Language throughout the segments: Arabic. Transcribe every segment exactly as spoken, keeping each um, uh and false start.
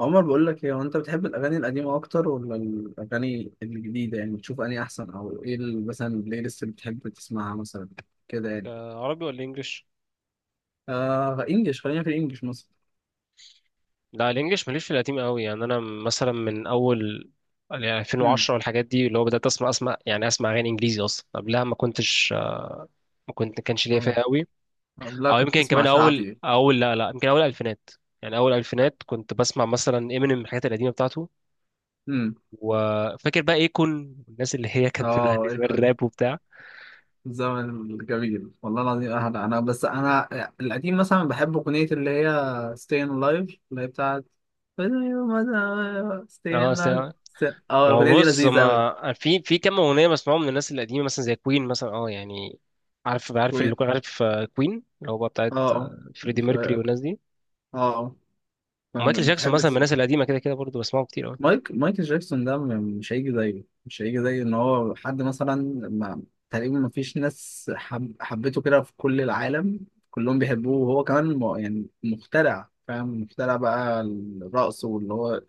عمر، بقول لك ايه؟ هو انت بتحب الاغاني القديمه اكتر ولا الاغاني الجديده؟ يعني بتشوف اني احسن او ايه ال- مثلا البلاي ليست اللي بتحب تسمعها مثلا كده يعني؟ آه، عربي ولا انجليش؟ آه، انجلش، خلينا في الانجليش مثلا. لا، الانجليش ماليش في القديم قوي، يعني انا مثلا من اول، يعني امم ألفين و عشرة والحاجات دي اللي هو بدات اسمع اسمع يعني اسمع اغاني انجليزي، اصلا قبلها ما كنتش. آه، ما كنت ما كانش ليا اه، فيها قوي. لا، او كنت يمكن تسمع كمان اول شعبي؟ اول لا لا، يمكن اول الفينات. يعني اول الفينات كنت بسمع مثلا امينيم، الحاجات القديمه بتاعته. امم وفاكر بقى ايكون والناس اللي هي كانت بتغني اه، ايه زمان الراب كنت؟ وبتاع. الزمن الجميل والله العظيم. اهلا، انا بس انا القديم مثلا بحب اغنيه اللي هي staying alive، اللي هي بتاعت staying اه، alive. اه، ما هو الاغنيه دي بص، لذيذه قوي. ما في في كام اغنيه بسمعهم من الناس القديمه، مثلا زي كوين مثلا، اه يعني. عارف عارف اللي اه، عارف كوين، اللي هو بقى بتاعت اه، آه، فريدي ف- ميركوري والناس دي. اه ومايكل كان جاكسون بتحب مثلا، من الناس تس- القديمه كده كده برضه بسمعهم كتير قوي. مايك مايكل جاكسون ده م- مش هيجي زيه، مش هيجي زي ان هو حد مثلا. ما تقريبا ما فيش ناس حب حبته كده في كل العالم. كلهم بيحبوه، وهو كمان م- يعني مخترع، فاهم، مخترع بقى الرقص واللي هو.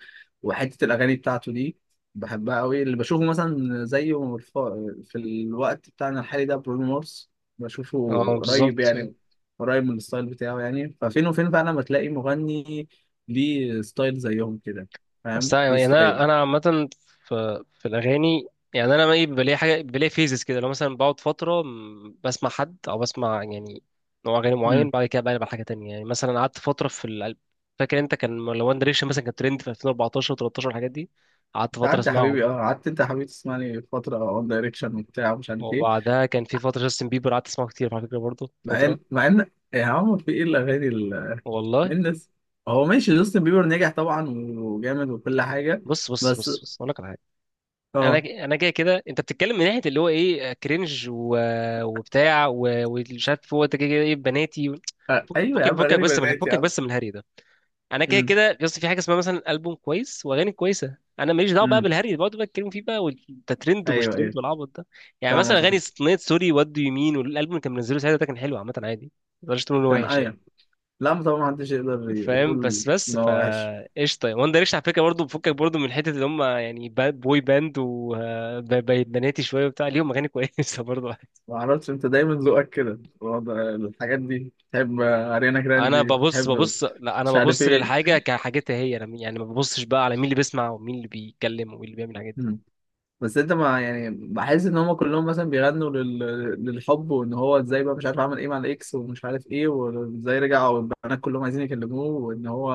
وحتة الأغاني بتاعته دي بحبها قوي. اللي بشوفه مثلا زيه الف- في الوقت بتاعنا الحالي ده برونو مارس. بشوفه اه قريب بالظبط. يعني، قريب من الستايل بتاعه يعني. ففين وفين فعلا ما تلاقي مغني ليه ستايل زيهم كده. بس أنا- فاهم؟ دي يعني انا ستايل. انا عامه، في في الاغاني، يعني انا ايه، بيبقى ليا حاجه، بيبقى ليا فيزز كده، لو مثلا بقعد فتره م- بسمع حد او بسمع يعني نوع اغاني معين، امم بعد كده بقلب على حاجه تانية. يعني مثلا قعدت فتره في ال... فاكر انت، كان لو وان دايركشن مثلا كان ترند في ألفين واربعتاشر و13، الحاجات دي قعدت انت فتره قعدت يا حبيبي، اسمعهم. اه قعدت، انت يا حبيبي تسمعني فتره اون دايركشن وبتاع ومش عارف ايه. وبعدها كان في فتره جاستن بيبر، قعدت اسمعه كتير على فكره برضه مع ان فتره. مع ان يا عم، في ايه الاغاني ال- والله الناس. هو ماشي، جاستن بيبر نجح طبعا وجامد وكل حاجه، بص بص بس. بص بص، اقول لك على حاجه. اه. انا انا جاي كده، انت بتتكلم من ناحيه اللي هو ايه، كرنج و... وبتاع و- ومش عارف. هو انت كده كده ايه، بناتي و... آه، فك- ايوه يا فكك عم، فكك اغاني بس من بنات يا فكك عم. بس من الهري ده. انا كده امم كده، بس في حاجه اسمها مثلا البوم كويس واغاني كويسه، انا ماليش دعوه بقى امم بالهري اللي بقعدوا بقى يتكلموا فيه بقى، وانت ترند ومش ايوه، ايوه، ترند والعبط ده. يعني فاهم مثلا اغاني قصدك. اغنيه سوري وات دو يو مين، والالبوم اللي كان منزله ساعتها ده كان حلو، عامه عادي، ما تقدرش تقول انه كان، وحش يعني. ايوه. لا، ما طبعا محدش يقدر فاهم، يقول بس بس ان فا هو وحش. قشطه، وان دايركشن على فكره برضه بفكك برضه من حته اللي هم يعني با- بوي باند وبناتي شويه وبتاع، ليهم اغاني كويسه برضه. ما اعرفش، انت دايما ذوقك كده الوضع- الحاجات دي. تحب اريانا انا جراندي، ببص تحب ببص لا انا مش عارف ببص ايه. للحاجه كحاجتها هي، انا يعني ما ببصش بقى على مين اللي بيسمع ومين اللي بيتكلم ومين اللي بيعمل الحاجات دي. مم. بس انت، ما يعني، بحس ان هم كلهم مثلا بيغنوا لل... للحب، وان هو ازاي بقى مش عارف عمل ايه مع الاكس ومش عارف ايه وازاي رجع والبنات كلهم عايزين يكلموه وان هو.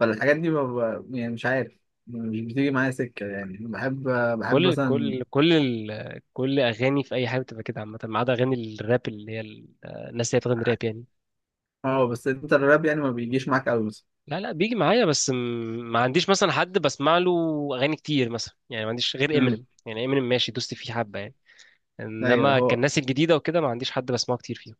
فالحاجات دي ما ب... يعني مش عارف، مش بتيجي معايا سكة. يعني بحب، بحب كل مثلا. كل كل ال... كل اغاني في اي حاجه بتبقى كده عامه، ما عدا اغاني الراب اللي هي ال- آه، الناس اللي هي بتغني راب يعني. اه، بس انت الراب يعني ما بيجيش معاك قوي مثلا. لا لا، بيجي معايا، بس م... ما عنديش مثلا حد بسمع له اغاني كتير مثلا يعني، ما عنديش غير امم امينيم. يعني امينيم ماشي، دوست فيه حبه يعني. ايوه انما كان هو، الناس الجديده وكده ما عنديش حد بسمعه كتير فيهم.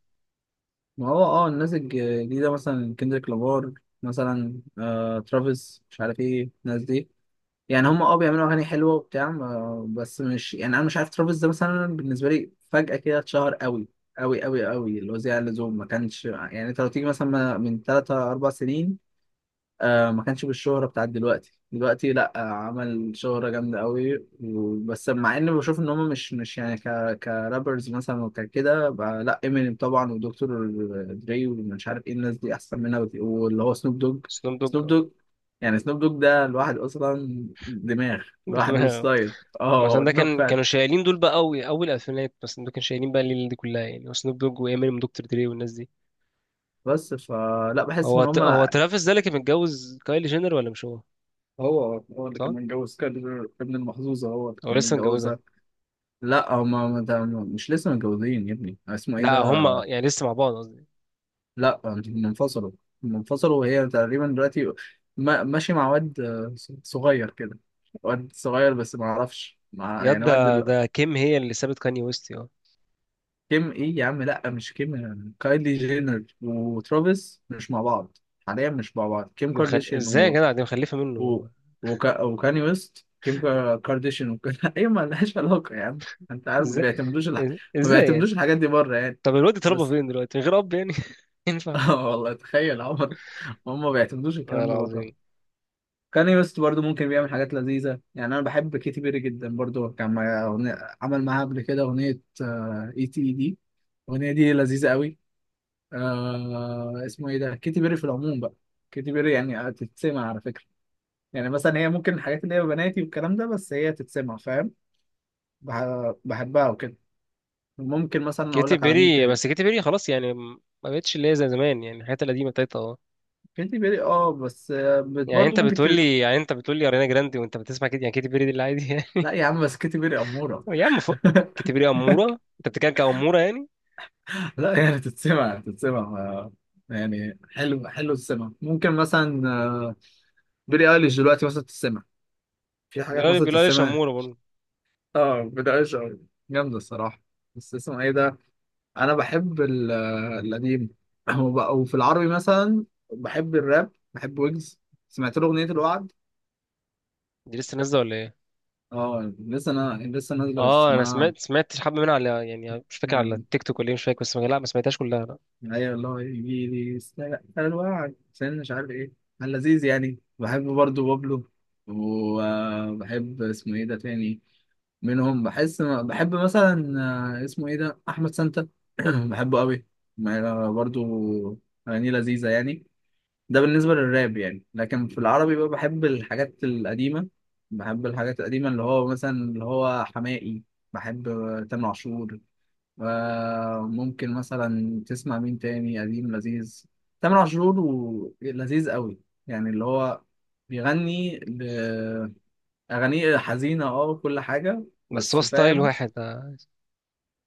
ما هو اه الناس الجديدة مثلا كندريك لامار. مثلا آه... ترافيس، مش عارف ايه الناس دي. يعني هم اه بيعملوا اغاني حلوه وبتاع ما- بس مش يعني، انا مش عارف، ترافيس ده مثلا بالنسبه لي فجاه كده اتشهر قوي قوي قوي قوي. اللي هو زيادة عن اللزوم. ما كانش يعني، انت لو تيجي مثلا من ثلاثة اربع سنين آه ما كانش بالشهرة بتاعت دلوقتي. دلوقتي لا، آه عمل شهرة جامدة قوي و- بس مع اني بشوف ان هم مش مش يعني ك كرابرز مثلا وكده بقى- لا، امينيم طبعا ودكتور دري ومش عارف ايه الناس دي احسن منها بك- واللي هو سنوب دوج. سنوب سنوب دوج. دوج. يعني سنوب دوج ده الواحد اصلا دماغ لوحده، ستايل. اه، مثلا ده دماغ كان، فعلا. كانوا شايلين دول بقى قوي اول الفينات، بس دول كانوا شايلين بقى الليله دي كلها يعني، وسنوب دوج وامينيم دكتور دري والناس دي. بس فلا، بحس هو ان ت... هم. هو ترافيس ده اللي كان متجوز كايلي جينر ولا مش هو؟ هو هو اللي كان صح. متجوز، كان ابن المحظوظة هو اللي هو كان لسه متجوزها؟ متجوزها. لا هما ما، ده مش لسه متجوزين يا ابني، اسمه ايه لا، ده. هما يعني لسه مع بعض قصدي. لا، هم انفصلوا. هم انفصلوا، وهي تقريبا دلوقتي ما- ماشي مع واد آه، صغير كده. واد صغير، بس ما اعرفش مع ياد، يعني، واد ده ال- ده كيم هي اللي سابت كاني ويست، اه. كيم ايه يا عم، لا مش كيم. كايلي جينر وترافيس مش مع بعض حاليا، مش مع بعض. كيم دي مخل... كارديشيان ازاي يا و... جدع، دي مخلفه و... منه. وكا... وكاني ويست. كيم كا- كارديشيان وكده. ايه، ما لهاش علاقة يا عم. انت عارف، ما ازاي بيعتمدوش الح... ما ازاي يعني؟ بيعتمدوش الحاجات دي بره يعني. طب الواد اتربى بس فين دلوقتي من غير اب يعني؟ ينفع؟ اه والله تخيل عمر، هم ما بيعتمدوش والله الكلام ده بره. العظيم. كاني ويست برضو ممكن بيعمل حاجات لذيذة يعني. أنا بحب كيتي بيري جدا برضو. كان معايا أغنية- عمل معاها قبل كده أغنية اي تي اي دي. الأغنية دي لذيذة قوي. آه اسمه ايه ده. كيتي بيري في العموم بقى، كيتي بيري يعني تتسمع على فكرة. يعني مثلا هي ممكن الحاجات اللي هي بناتي والكلام ده، بس هي تتسمع. فاهم؟ بح- بحبها وكده. ممكن مثلا أقول كيتي لك على مين بيري، تاني. بس كيتي بيري خلاص يعني ما بقتش اللي هي زي زمان، يعني الحاجات القديمه بتاعتها اه. كيتي بيري، اه بس آه، بت- يعني برضو انت ممكن ت... بتقول لي يعني انت بتقول لي اريانا جراندي وانت بتسمع كده، يعني كيتي بيري دي اللي عادي يعني؟ لا يا عم، بس كيتي بيري أمورة. يا عم فوق، كيتي بيري اموره، انت بتتكلم كاموره يعني؟ لا يعني تتسمع، تتسمع آه، يعني حلو حلو تتسمع. ممكن مثلا آه، بيلي ايليش دلوقتي مثلا تتسمع، في حاجات بيقول مثلا بيقول ليش تتسمع. اموره برضه. اه بيلي ايليش أوي. جامدة الصراحة. بس اسمه ايه ده. انا بحب ال- آه، القديم. وب- وفي العربي مثلا بحب الراب، بحب ويجز. سمعت له اغنية الوعد. دي لسه نازله ولا ايه؟ اه، لسه. انا لسه نازلة اه، انا اسمها. سمعت سمعت حبه منها على، يعني مش فاكر، على التيك توك ولا ايه مش فاكر، بس ما- لا ما سمعتهاش كلها لا. ايوه والله، يجي لي استنى الوعد عشان مش عارف ايه. كان لذيذ يعني. بحب برضو بابلو. وبحب اسمه ايه ده تاني، منهم بحس بحب مثلا آه، اسمه ايه ده احمد سانتا. بحبه قوي. ما- برضو اغانيه لذيذه يعني. ده بالنسبه للراب يعني. لكن في العربي بقى بحب الحاجات القديمه. بحب الحاجات القديمه اللي هو مثلا اللي هو حماقي. بحب تامر عاشور. ممكن مثلا تسمع مين تاني قديم لذيذ، تامر عاشور و- لذيذ قوي. يعني اللي هو بيغني ل- أغانيه حزينة، اه وكل حاجة، بس هو بس ستايل فاهم. واحد آه،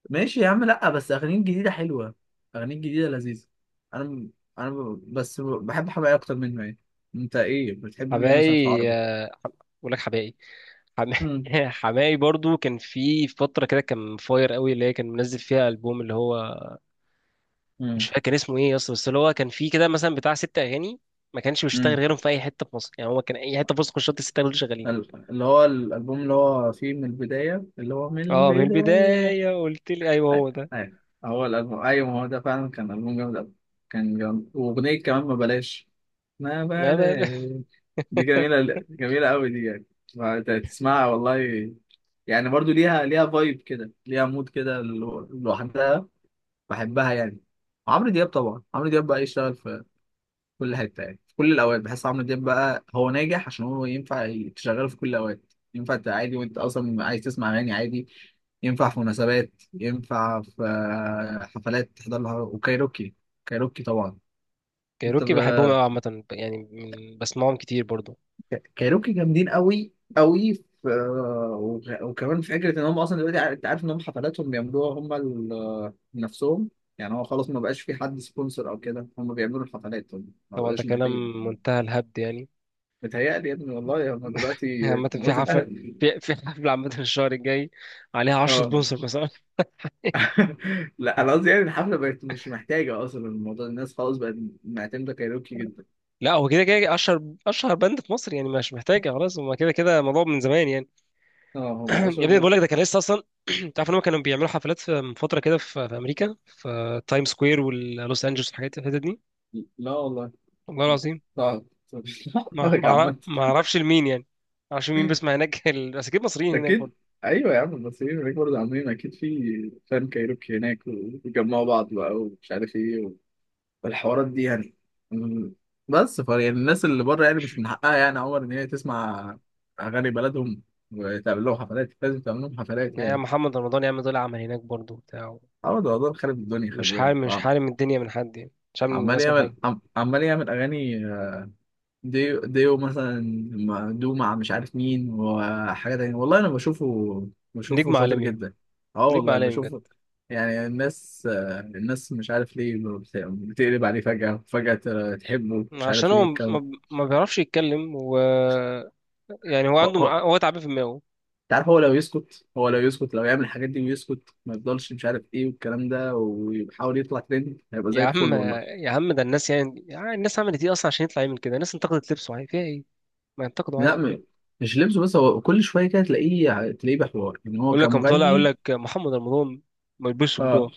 ماشي يا عم. لأ بس أغانيه الجديدة حلوة، أغانيه الجديدة لذيذة. أنا م- أنا ب- بس ب- بحب حماقي أكتر منه يعني. أنت إيه بتحب مين مثلا في حبائي. العربي؟ آه، بقول لك حبائي. حم... مم. حماي برضو كان في فترة كده كان فاير قوي، اللي هي كان منزل فيها ألبوم اللي هو مش مم. فاكر كان اسمه ايه اصلا، بس اللي هو كان في كده مثلا بتاع ست أغاني ما كانش بيشتغل مم. غيرهم في أي حتة في مصر. يعني هو كان أي حتة في مصر كنت شرط الست أغاني دول شغالين. ال- اللي هو الألبوم، اللي هو فيه من البداية، اللي هو من اه من البداية. البداية، قلت لي أيوه ايوه، هو ده. ايوه. هو الالبوم، ايوه، ما هو ده فعلا كان البوم جامد قوي. كان جامد. واغنيه كمان، ما بلاش، ما ما بال. بلاش. دي جميله جميله قوي دي يعني. فأنت تسمعها والله. يعني برضو ليها، ليها فايب كده، ليها مود كده لو- لوحدها. بحبها يعني. عمرو دياب طبعا، عمرو دياب بقى يشتغل في كل حته يعني، في كل الاوقات. بحس عمرو دياب بقى هو ناجح عشان هو ينفع تشغله في كل الاوقات. ينفع ت- عادي وانت اصلا عايز تسمع اغاني عادي، ينفع في مناسبات، ينفع في آه، حفلات تحضر لها. وكايروكي، كايروكي طبعا. انت كايروكي ب... بحبهم قوي عامة يعني، من- بسمعهم كتير برضو. ك- كايروكي جامدين قوي قوي في... آه، وغ- وكمان في فكره ان هم اصلا دلوقتي ع- انت عارف ان هم حفلاتهم بيعملوها هم ال- آه، نفسهم. يعني هو خلاص ما بقاش في حد سبونسر او كده، هم بيعملوا الحفلات هم، ما طبعا ده بقاش محتاجين. كلام منتهى الهبد يعني. متهيألي يا ابني، والله هم دلوقتي عامة في موت حفلة، الأهل. في في حفلة عامة الشهر الجاي عليها عشر اه. سبونسر مثلا. لا انا قصدي يعني الحفله بقت مش محتاجه اصلا الموضوع، الناس خلاص بقت معتمده كايروكي جدا. لا هو كده كده اشهر اشهر باند في مصر، يعني مش محتاجه خلاص، هما كده كده الموضوع من زمان يعني. اه، هم يا اشهر ابني بقت. بقول لك ده كان لسه اصلا. تعرف ان هم كانوا بيعملوا حفلات في، من فتره كده، في, في امريكا، في تايم سكوير ولوس انجلوس والحاجات الحتت دي. لا والله، والله العظيم. صعب صعب. ما ما أعرف- عامة. ما اعرفش لمين يعني. ما اعرفش مين بيسمع هناك. ال- بس اكيد مصريين هناك برضه. اكيد، ايوه يا عم، المصريين هناك برضه عاملين اكيد في فان كايروكي هناك وبيجمعوا بعض بقى ومش عارف ايه والحوارات دي يعني. مم. بس ف يعني الناس اللي بره يعني مش من حقها يعني يا عمر ان هي تسمع اغاني بلدهم، وتعمل لهم حفلات، لازم تعمل لهم حفلات يا يعني. محمد رمضان، يعمل دول، عمل هناك برضه بتاع. عمر ده والله خارب الدنيا. مش خلي بالك حارم مش عم- حارم الدنيا من حد يعني، مش حارم عمال الناس من حاجه. يعمل عم- عمال يعمل اغاني ديو، ديو مثلا، مع- دو مع مش عارف مين وحاجه تانية. والله انا بشوفه، بشوفه نجم شاطر عالمي يعني، جدا. اه نجم والله عالمي بجد. بشوفه. يعني الناس آه، الناس مش عارف ليه بت- بتقلب عليه فجأة فجأة تحبه مش عشان عارف هو ايه ما ما بيعرفش يتكلم، و... يعني هو عنده، الكلام. هو تعبان في دماغه. عارف، هو لو يسكت، هو لو يسكت، لو يعمل الحاجات دي ويسكت ما يفضلش مش عارف ايه والكلام ده ويحاول يطلع ترند، هيبقى يا زي عم، الفل والله. يا عم، ده الناس يعني، يعني الناس عملت ايه اصلا عشان يطلع يعمل كده؟ الناس انتقدت لبسه، عادي فيها ايه؟ ما ينتقدوا لا عادي فيها. م... مش لبسه بس، هو كل شويه كده تلاقيه، تلاقيه بحوار ان هو يقول لك قام طالع يقول كمغني. لك محمد رمضان ما يلبسش اه. برو.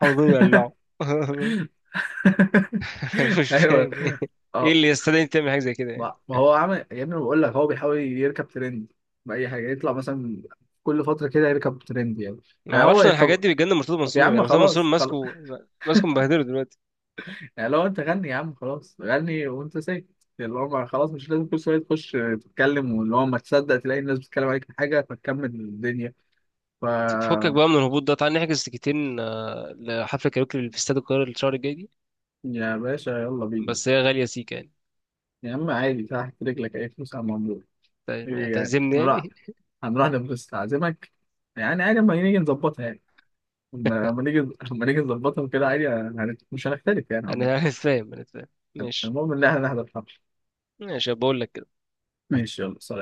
محمد رمضان يقلعه. مش ايوه. فاهم ايه. ايه اه. اللي يستدعي انت تعمل حاجه زي كده يعني؟ ما ما هو عمل يا ابني، بقول لك هو بيحاول يركب ترند بأي حاجه يطلع مثلا، كل فتره كده يركب ترند يعني. ما يعني اعرفش هو. ان الحاجات طب دي بتجنن مرتضى طب يا منصور يعني، عم، مرتضى منصور خلاص خلاص. ماسكه، ماسكه مبهدله دلوقتي. يعني لو انت غني يا عم، خلاص غني وانت ساكت. اللي هو ما- خلاص مش لازم كل شويه تخش تتكلم، واللي هو ما تصدق تلاقي الناس بتتكلم عليك في حاجه فتكمل الدنيا ف فكك بقى من الهبوط ده، تعال نحجز تيكتين آه، لحفله كاريوكي اللي في استاد القاهره الشهر الجاي دي. يا باشا يلا بينا. بس هي غاليه سيكا يعني. يا عم عادي، تحت رجلك اي فلوس على الموضوع. طيب، ايه يعني؟ هتعزمني هنروح، يعني؟ هنروح نبص تعزمك يعني عادي. اما نيجي نظبطها يعني، اما نيجي، اما نيجي نظبطها كده عادي. هن- مش هنختلف يعني انا عموماً. أنا فاهم انا فاهم. ماشي. المهم ان احنا نحضر الحفله. ماشي، بقول لك كده. ماشي يلا سلام.